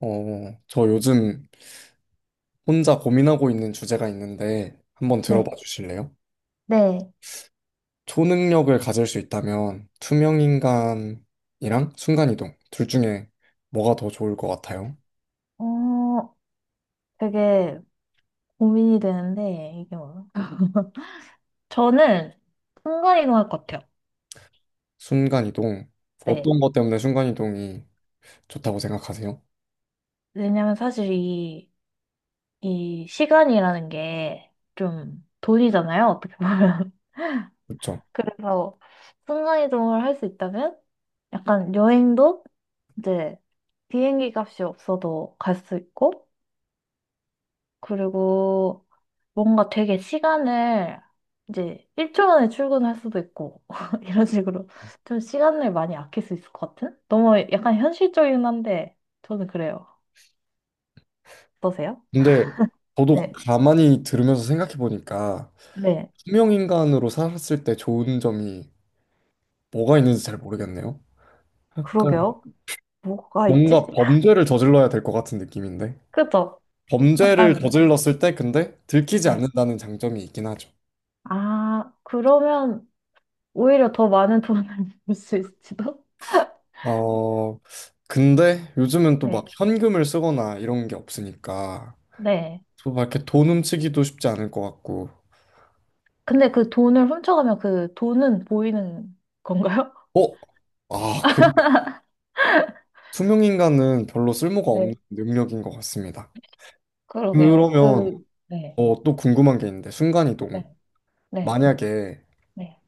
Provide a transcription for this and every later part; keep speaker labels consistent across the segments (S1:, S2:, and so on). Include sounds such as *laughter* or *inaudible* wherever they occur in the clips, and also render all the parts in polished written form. S1: 저 요즘 혼자 고민하고 있는 주제가 있는데 한번 들어봐
S2: 네,
S1: 주실래요?
S2: 네,
S1: 초능력을 가질 수 있다면 투명인간이랑 순간이동 둘 중에 뭐가 더 좋을 것 같아요?
S2: 어, 되게 고민이 되는데, 이게 뭐. 저는 순간이동 할 것 같아요.
S1: 순간이동.
S2: 네.
S1: 어떤 것 때문에 순간이동이 좋다고 생각하세요?
S2: 왜냐면 사실 이 시간이라는 게 좀 돈이잖아요, 어떻게 보면. *laughs*
S1: 그렇죠.
S2: 그래서 순간이동을 할 수 있다면, 약간 여행도 이제 비행기 값이 없어도 갈 수 있고, 그리고 뭔가 되게 시간을 이제 1초 만에 출근할 수도 있고 *laughs* 이런 식으로 좀 시간을 많이 아낄 수 있을 것 같은? 너무 약간 현실적이긴 한데 저는 그래요. 어떠세요?
S1: 근데 저도
S2: 네.
S1: 가만히 들으면서 생각해 보니까
S2: 네.
S1: 투명인간으로 살았을 때 좋은 점이 뭐가 있는지 잘 모르겠네요. 약간
S2: 그러게요. 뭐가
S1: 뭔가
S2: 있지?
S1: 범죄를 저질러야 될 것 같은 느낌인데.
S2: 그죠?
S1: 범죄를
S2: 약간
S1: 저질렀을 때 근데 들키지
S2: 네.
S1: 않는다는 장점이 있긴 하죠.
S2: 아, 그러면 오히려 더 많은 돈을 *laughs* 벌 수 있을지도?
S1: 어, 근데 요즘은 또 막
S2: 네.
S1: 현금을 쓰거나 이런 게 없으니까
S2: 네.
S1: 또 막 이렇게 돈 훔치기도 쉽지 않을 것 같고.
S2: 근데 그 돈을 훔쳐가면 그 돈은 보이는 건가요?
S1: 어? 아, 그러네. 투명인간은 별로 쓸모가 없는 능력인 것 같습니다.
S2: 그러게요.
S1: 그러면
S2: 그, 네,
S1: 또 궁금한 게 있는데
S2: 네,
S1: 순간이동.
S2: 네,
S1: 만약에
S2: 네,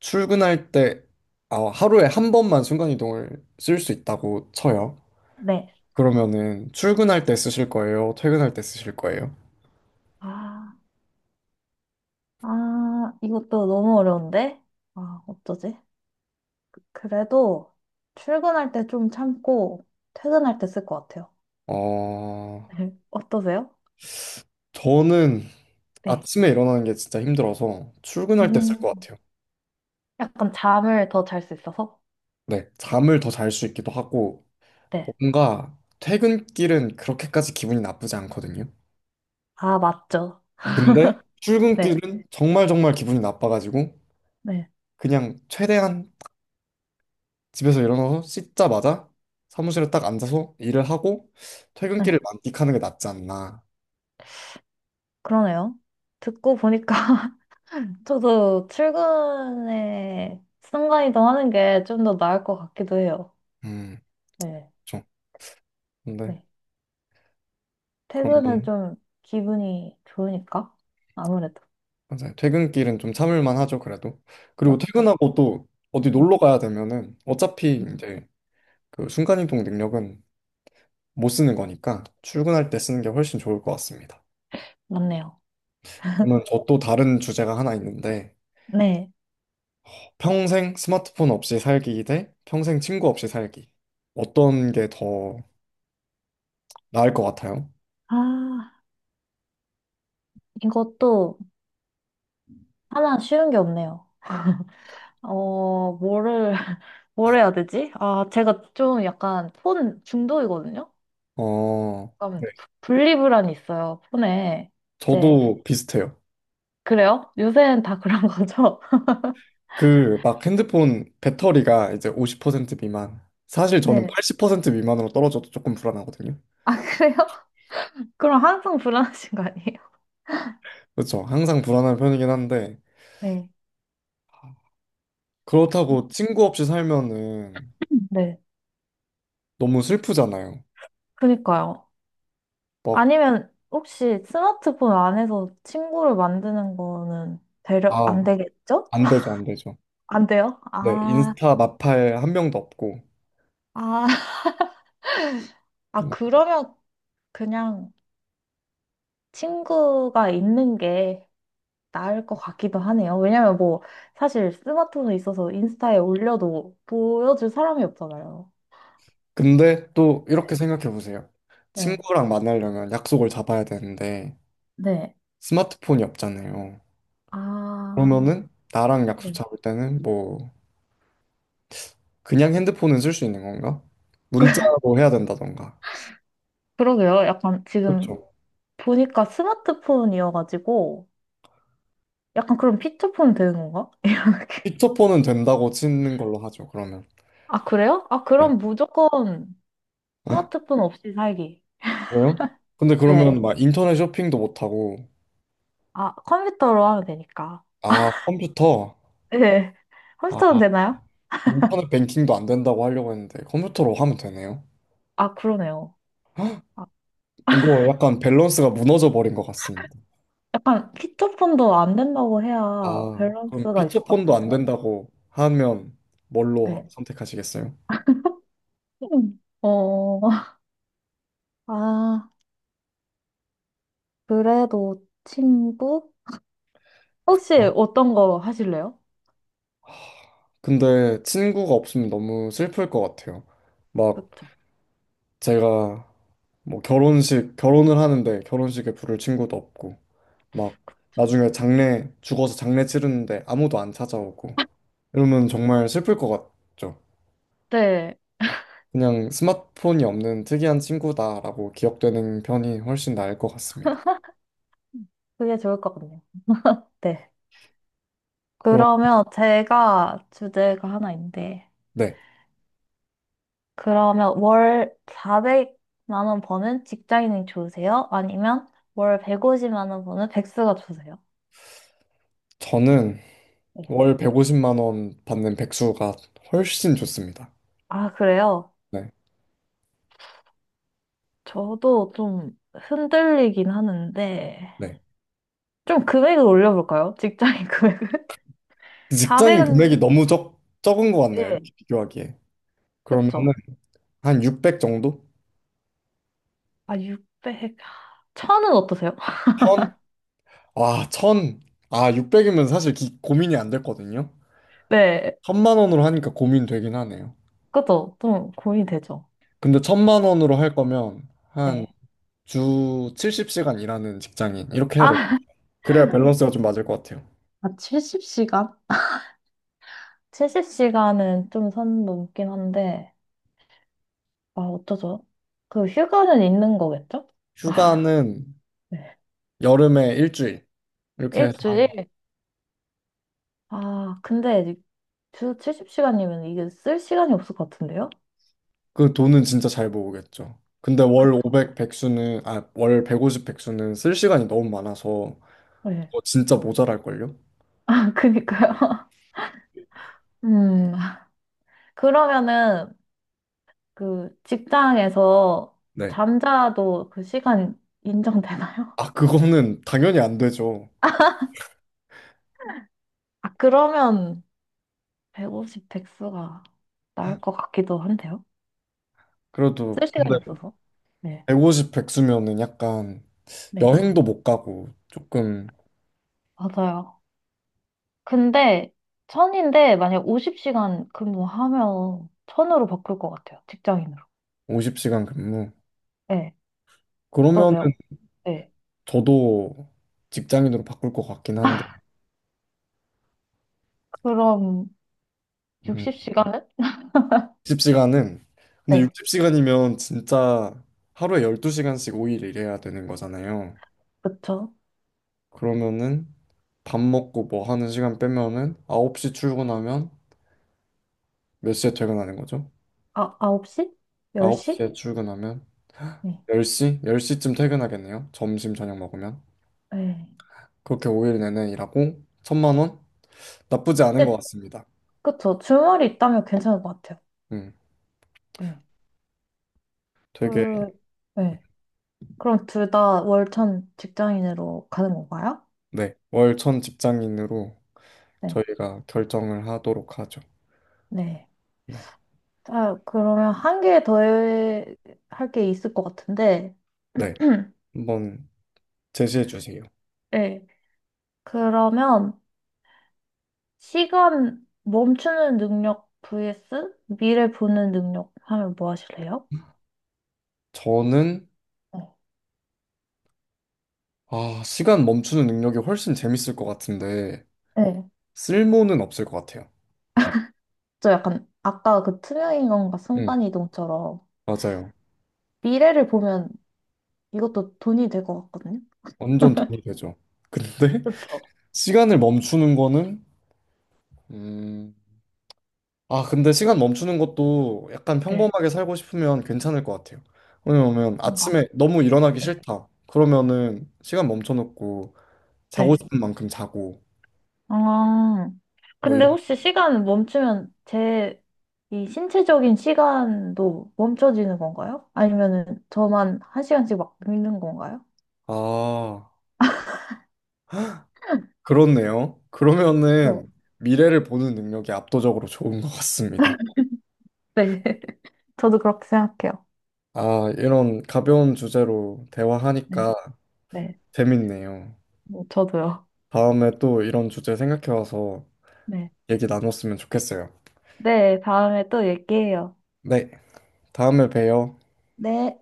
S1: 출근할 때 아, 하루에 한 번만 순간이동을 쓸 수 있다고 쳐요.
S2: 네.
S1: 그러면은 출근할 때 쓰실 거예요? 퇴근할 때 쓰실 거예요?
S2: 아, 아, 이것도 너무 어려운데? 아, 어쩌지? 그래도 출근할 때 좀 참고 퇴근할 때 쓸 것 같아요.
S1: 어,
S2: 네. *laughs* 어떠세요?
S1: 저는
S2: 네.
S1: 아침에 일어나는 게 진짜 힘들어서 출근할 때 쓸 것
S2: 음,
S1: 같아요.
S2: 약간 잠을 더 잘 수 있어서?
S1: 네, 잠을 더 잘 수 있기도 하고
S2: 네.
S1: 뭔가 퇴근길은 그렇게까지 기분이 나쁘지 않거든요.
S2: 아, 맞죠.
S1: 그런데
S2: 네,
S1: 출근길은 정말 정말 기분이 나빠가지고
S2: 네,
S1: 그냥 최대한 집에서 일어나서 씻자마자 사무실에 딱 앉아서 일을 하고 퇴근길을
S2: 네.
S1: 만끽하는 게 낫지 않나.
S2: 그러네요. 듣고 보니까 *laughs* 저도 출근에 순간이동 하는 게 좀 더 나을 것 같기도 해요.
S1: 음,
S2: 네.
S1: 그렇죠. 근데
S2: 네.
S1: 그런
S2: 퇴근은
S1: 건
S2: 좀 기분이 좋으니까? 아무래도.
S1: 맞아요. 퇴근길은 좀 참을만 하죠, 그래도. 그리고
S2: 맞죠?
S1: 퇴근하고 또 어디
S2: 네.
S1: 놀러 가야 되면은 어차피 이제 그 순간이동 능력은 못 쓰는 거니까 출근할 때 쓰는 게 훨씬 좋을 것 같습니다.
S2: 맞네요.
S1: 그러면 저 또 다른 주제가 하나 있는데
S2: 네.
S1: 평생 스마트폰 없이 살기 대 평생 친구 없이 살기. 어떤 게 더 나을 것 같아요?
S2: 아, 이것도 하나 쉬운 게 없네요. 어, 뭐를, *laughs* 뭘 해야 되지? 아, 제가 좀 약간 폰 중독이거든요?
S1: 어,
S2: 약간
S1: 네.
S2: 분리불안이 있어요, 폰에. 이제,
S1: 저도 비슷해요.
S2: 그래요? 요새는 다 그런 거죠? *laughs*
S1: 그 막 핸드폰 배터리가 이제 50% 미만. 사실 저는
S2: 네.
S1: 80% 미만으로 떨어져도 조금 불안하거든요.
S2: 그래요? 그럼 항상 불안하신 거 아니에요?
S1: 그렇죠. 항상 불안한 편이긴 한데
S2: 네.
S1: 그렇다고 친구 없이 살면은
S2: 네.
S1: 너무 슬프잖아요.
S2: 그니까요.
S1: 막,
S2: 아니면 혹시 스마트폰 안에서 친구를 만드는 거는 되려, 안
S1: 아,
S2: 되겠죠?
S1: 안
S2: *laughs*
S1: 되죠, 안 되죠.
S2: 안 돼요?
S1: 네,
S2: 아,
S1: 인스타 마팔 한 명도 없고.
S2: 아, 아, 그러면 그냥 친구가 있는 게 나을 것 같기도 하네요. 왜냐면 뭐, 사실 스마트폰에 있어서 인스타에 올려도 보여줄 사람이 없잖아요.
S1: 근데 또
S2: 네,
S1: 이렇게 생각해 보세요.
S2: 네,
S1: 친구랑 만나려면 약속을 잡아야 되는데
S2: 네.
S1: 스마트폰이 없잖아요.
S2: 아,
S1: 그러면은 나랑 약속
S2: 네.
S1: 잡을 때는 뭐 그냥 핸드폰은 쓸 수 있는 건가?
S2: *laughs*
S1: 문자로 해야 된다던가.
S2: 그러게요. 약간 지금
S1: 그렇죠.
S2: 보니까 스마트폰이어가지고, 약간 그럼 피처폰 되는 건가? *laughs* 이렇게.
S1: 피처폰은 된다고 치는 걸로 하죠, 그러면.
S2: 아, 그래요? 아, 그럼 무조건
S1: 네.
S2: 스마트폰 없이 살기.
S1: 그래요? 근데
S2: 네.
S1: 그러면 막 인터넷 쇼핑도 못하고,
S2: 아, 컴퓨터로 하면 되니까.
S1: 아, 컴퓨터.
S2: 네. *laughs* 컴퓨터는
S1: 아,
S2: 되나요?
S1: 인터넷 뱅킹도 안 된다고 하려고 했는데, 컴퓨터로 하면 되네요.
S2: 아, 그러네요.
S1: 헉,
S2: 아,
S1: 이거 약간 밸런스가 무너져 버린 것 같습니다.
S2: 약간 피처폰도 안 된다고 해야
S1: 아, 그럼
S2: 밸런스가 있을 것
S1: 피처폰도 안
S2: 같은데요?
S1: 된다고 하면 뭘로
S2: 네.
S1: 선택하시겠어요?
S2: 음. 어, *laughs* 아, 그래도 친구? 혹시
S1: 어?
S2: 어떤 거 하실래요?
S1: 근데 친구가 없으면 너무 슬플 것 같아요. 막
S2: 그쵸,
S1: 제가 뭐 결혼식 결혼을 하는데 결혼식에 부를 친구도 없고 막
S2: 그쵸.
S1: 나중에 장례 죽어서 장례 치르는데 아무도 안 찾아오고 이러면 정말 슬플 것 같죠.
S2: 네,
S1: 그냥 스마트폰이 없는 특이한 친구다라고 기억되는 편이 훨씬 나을 것 같습니다.
S2: 그게 좋을 것 같네요. 네.
S1: 그럼
S2: 그러면 제가 주제가 하나 있는데,
S1: 네,
S2: 그러면 월 400만 원 버는 직장인이 좋으세요? 아니면 월 150만 원 버는 백수가 좋으세요?
S1: 저는
S2: 네.
S1: 월 150만 원 받는 백수가 훨씬 좋습니다.
S2: 아, 그래요?
S1: 네,
S2: 저도 좀 흔들리긴 하는데,
S1: 네.
S2: 좀 금액을 올려볼까요? 직장인 금액을? *laughs*
S1: 직장인 금액이
S2: 400은,
S1: 너무 적 적은 것 같네요.
S2: 네,
S1: 이렇게 비교하기에. 그러면은
S2: 그쵸.
S1: 한 600 정도?
S2: 아, 600, 1000은 어떠세요? *laughs*
S1: 와, 천. 아, 600이면 사실 고민이 안 됐거든요.
S2: 네,
S1: 천만 원으로 하니까 고민되긴 하네요.
S2: 그쵸. 좀 고민되죠.
S1: 근데 천만 원으로 할 거면 한
S2: 네.
S1: 주 70시간 일하는 직장인 이렇게 해야 될 것
S2: 아,
S1: 같아요.
S2: *laughs*
S1: 그래야 밸런스가 좀 맞을 것 같아요.
S2: 70시간? 70시간은 좀 선 넘긴 한데, 아, 어쩌죠? 그 휴가는 있는 거겠죠?
S1: 휴가는
S2: 네.
S1: 여름에 일주일 이렇게 해서 한번.
S2: 일주일? 아, 근데 이제 주 70시간이면 이게 쓸 시간이 없을 것 같은데요?
S1: 그 돈은 진짜 잘 모으겠죠. 근데 월
S2: 그쵸.
S1: 500 백수는 아, 월 150 백수는 쓸 시간이 너무 많아서
S2: 네.
S1: 그거 진짜 모자랄걸요?
S2: *laughs* 그니까요. 음, 그러면은 그 직장에서
S1: 네.
S2: 잠자도 그 시간 인정되나요?
S1: 아, 그거는 당연히 안 되죠.
S2: 아, 그러면 150, 100수가 나을 것 같기도 한데요.
S1: 그래도
S2: 쓸 시간이 없어서. 네.
S1: 150 백수면은 약간
S2: 네.
S1: 여행도 못 가고 조금
S2: 맞아요. 근데 천인데 만약 50시간 근무하면 천으로 바꿀 것 같아요. 직장인으로.
S1: 50시간 근무.
S2: 네.
S1: 그러면은
S2: 어떠세요? 네.
S1: 저도 직장인으로 바꿀 것 같긴 한데.
S2: 그럼
S1: 음.
S2: 60시간은?
S1: 60시간은 근데
S2: 네.
S1: 60시간이면 진짜 하루에 12시간씩 5일 일해야 되는 거잖아요.
S2: 그쵸.
S1: 그러면은 밥 먹고 뭐 하는 시간 빼면은 9시 출근하면 몇 시에 퇴근하는 거죠?
S2: 아, 홉시 열시
S1: 9시에 출근하면
S2: 네.
S1: 10시? 10시쯤 퇴근하겠네요. 점심 저녁 먹으면.
S2: 네.
S1: 그렇게 5일 내내 일하고 천만 원? 나쁘지 않은 것
S2: 근데
S1: 같습니다.
S2: 그쵸. 주말이 있다면 괜찮을 것 같아요.
S1: 음,
S2: 네.
S1: 되게
S2: 그, 네. 그럼 둘 다 월천 직장인으로 가는 건가요?
S1: 네, 월천 직장인으로
S2: 네.
S1: 저희가 결정을 하도록 하죠.
S2: 네.
S1: 네,
S2: 자, 그러면 한 개 더 할 게 있을 것 같은데.
S1: 네,
S2: *clears throat*
S1: 한번 제시해 주세요.
S2: 네. 그러면 시간 멈추는 능력 vs 미래 보는 능력 하면 뭐 하실래요?
S1: 저는
S2: 네.
S1: 아, 시간 멈추는 능력이 훨씬 재밌을 것 같은데
S2: 네.
S1: 쓸모는 없을 것 같아요.
S2: 저 약간 아까 그 투명인간과
S1: 음,
S2: 순간이동처럼
S1: 맞아요.
S2: 미래를 보면 이것도 돈이 될 것 같거든요.
S1: 완전 돈이 되죠. 근데
S2: 그쵸?
S1: *laughs* 시간을 멈추는 거는 음, 근데 시간 멈추는 것도 약간
S2: 네.
S1: 평범하게 살고 싶으면 괜찮을 것 같아요. 왜냐면
S2: 뭔가?
S1: 아침에 너무 일어나기
S2: 네.
S1: 싫다. 그러면은 시간 멈춰놓고 자고
S2: 네.
S1: 싶은 만큼 자고
S2: 아,
S1: 뭐
S2: 근데
S1: 이런.
S2: 혹시 시간 멈추면 제 이 신체적인 시간도 멈춰지는 건가요? 아니면은 저만 한 시간씩 막 미는 건가요?
S1: 아, 그렇네요. 그러면은 미래를 보는 능력이 압도적으로 좋은 것 같습니다.
S2: 네. *laughs* 저도 그렇게 생각해요.
S1: 아, 이런 가벼운 주제로
S2: 네.
S1: 대화하니까
S2: 네.
S1: 재밌네요.
S2: 뭐 저도요.
S1: 다음에 또 이런 주제 생각해와서
S2: 네.
S1: 얘기 나눴으면 좋겠어요.
S2: 네, 다음에 또 얘기해요.
S1: 네, 다음에 봬요.
S2: 네.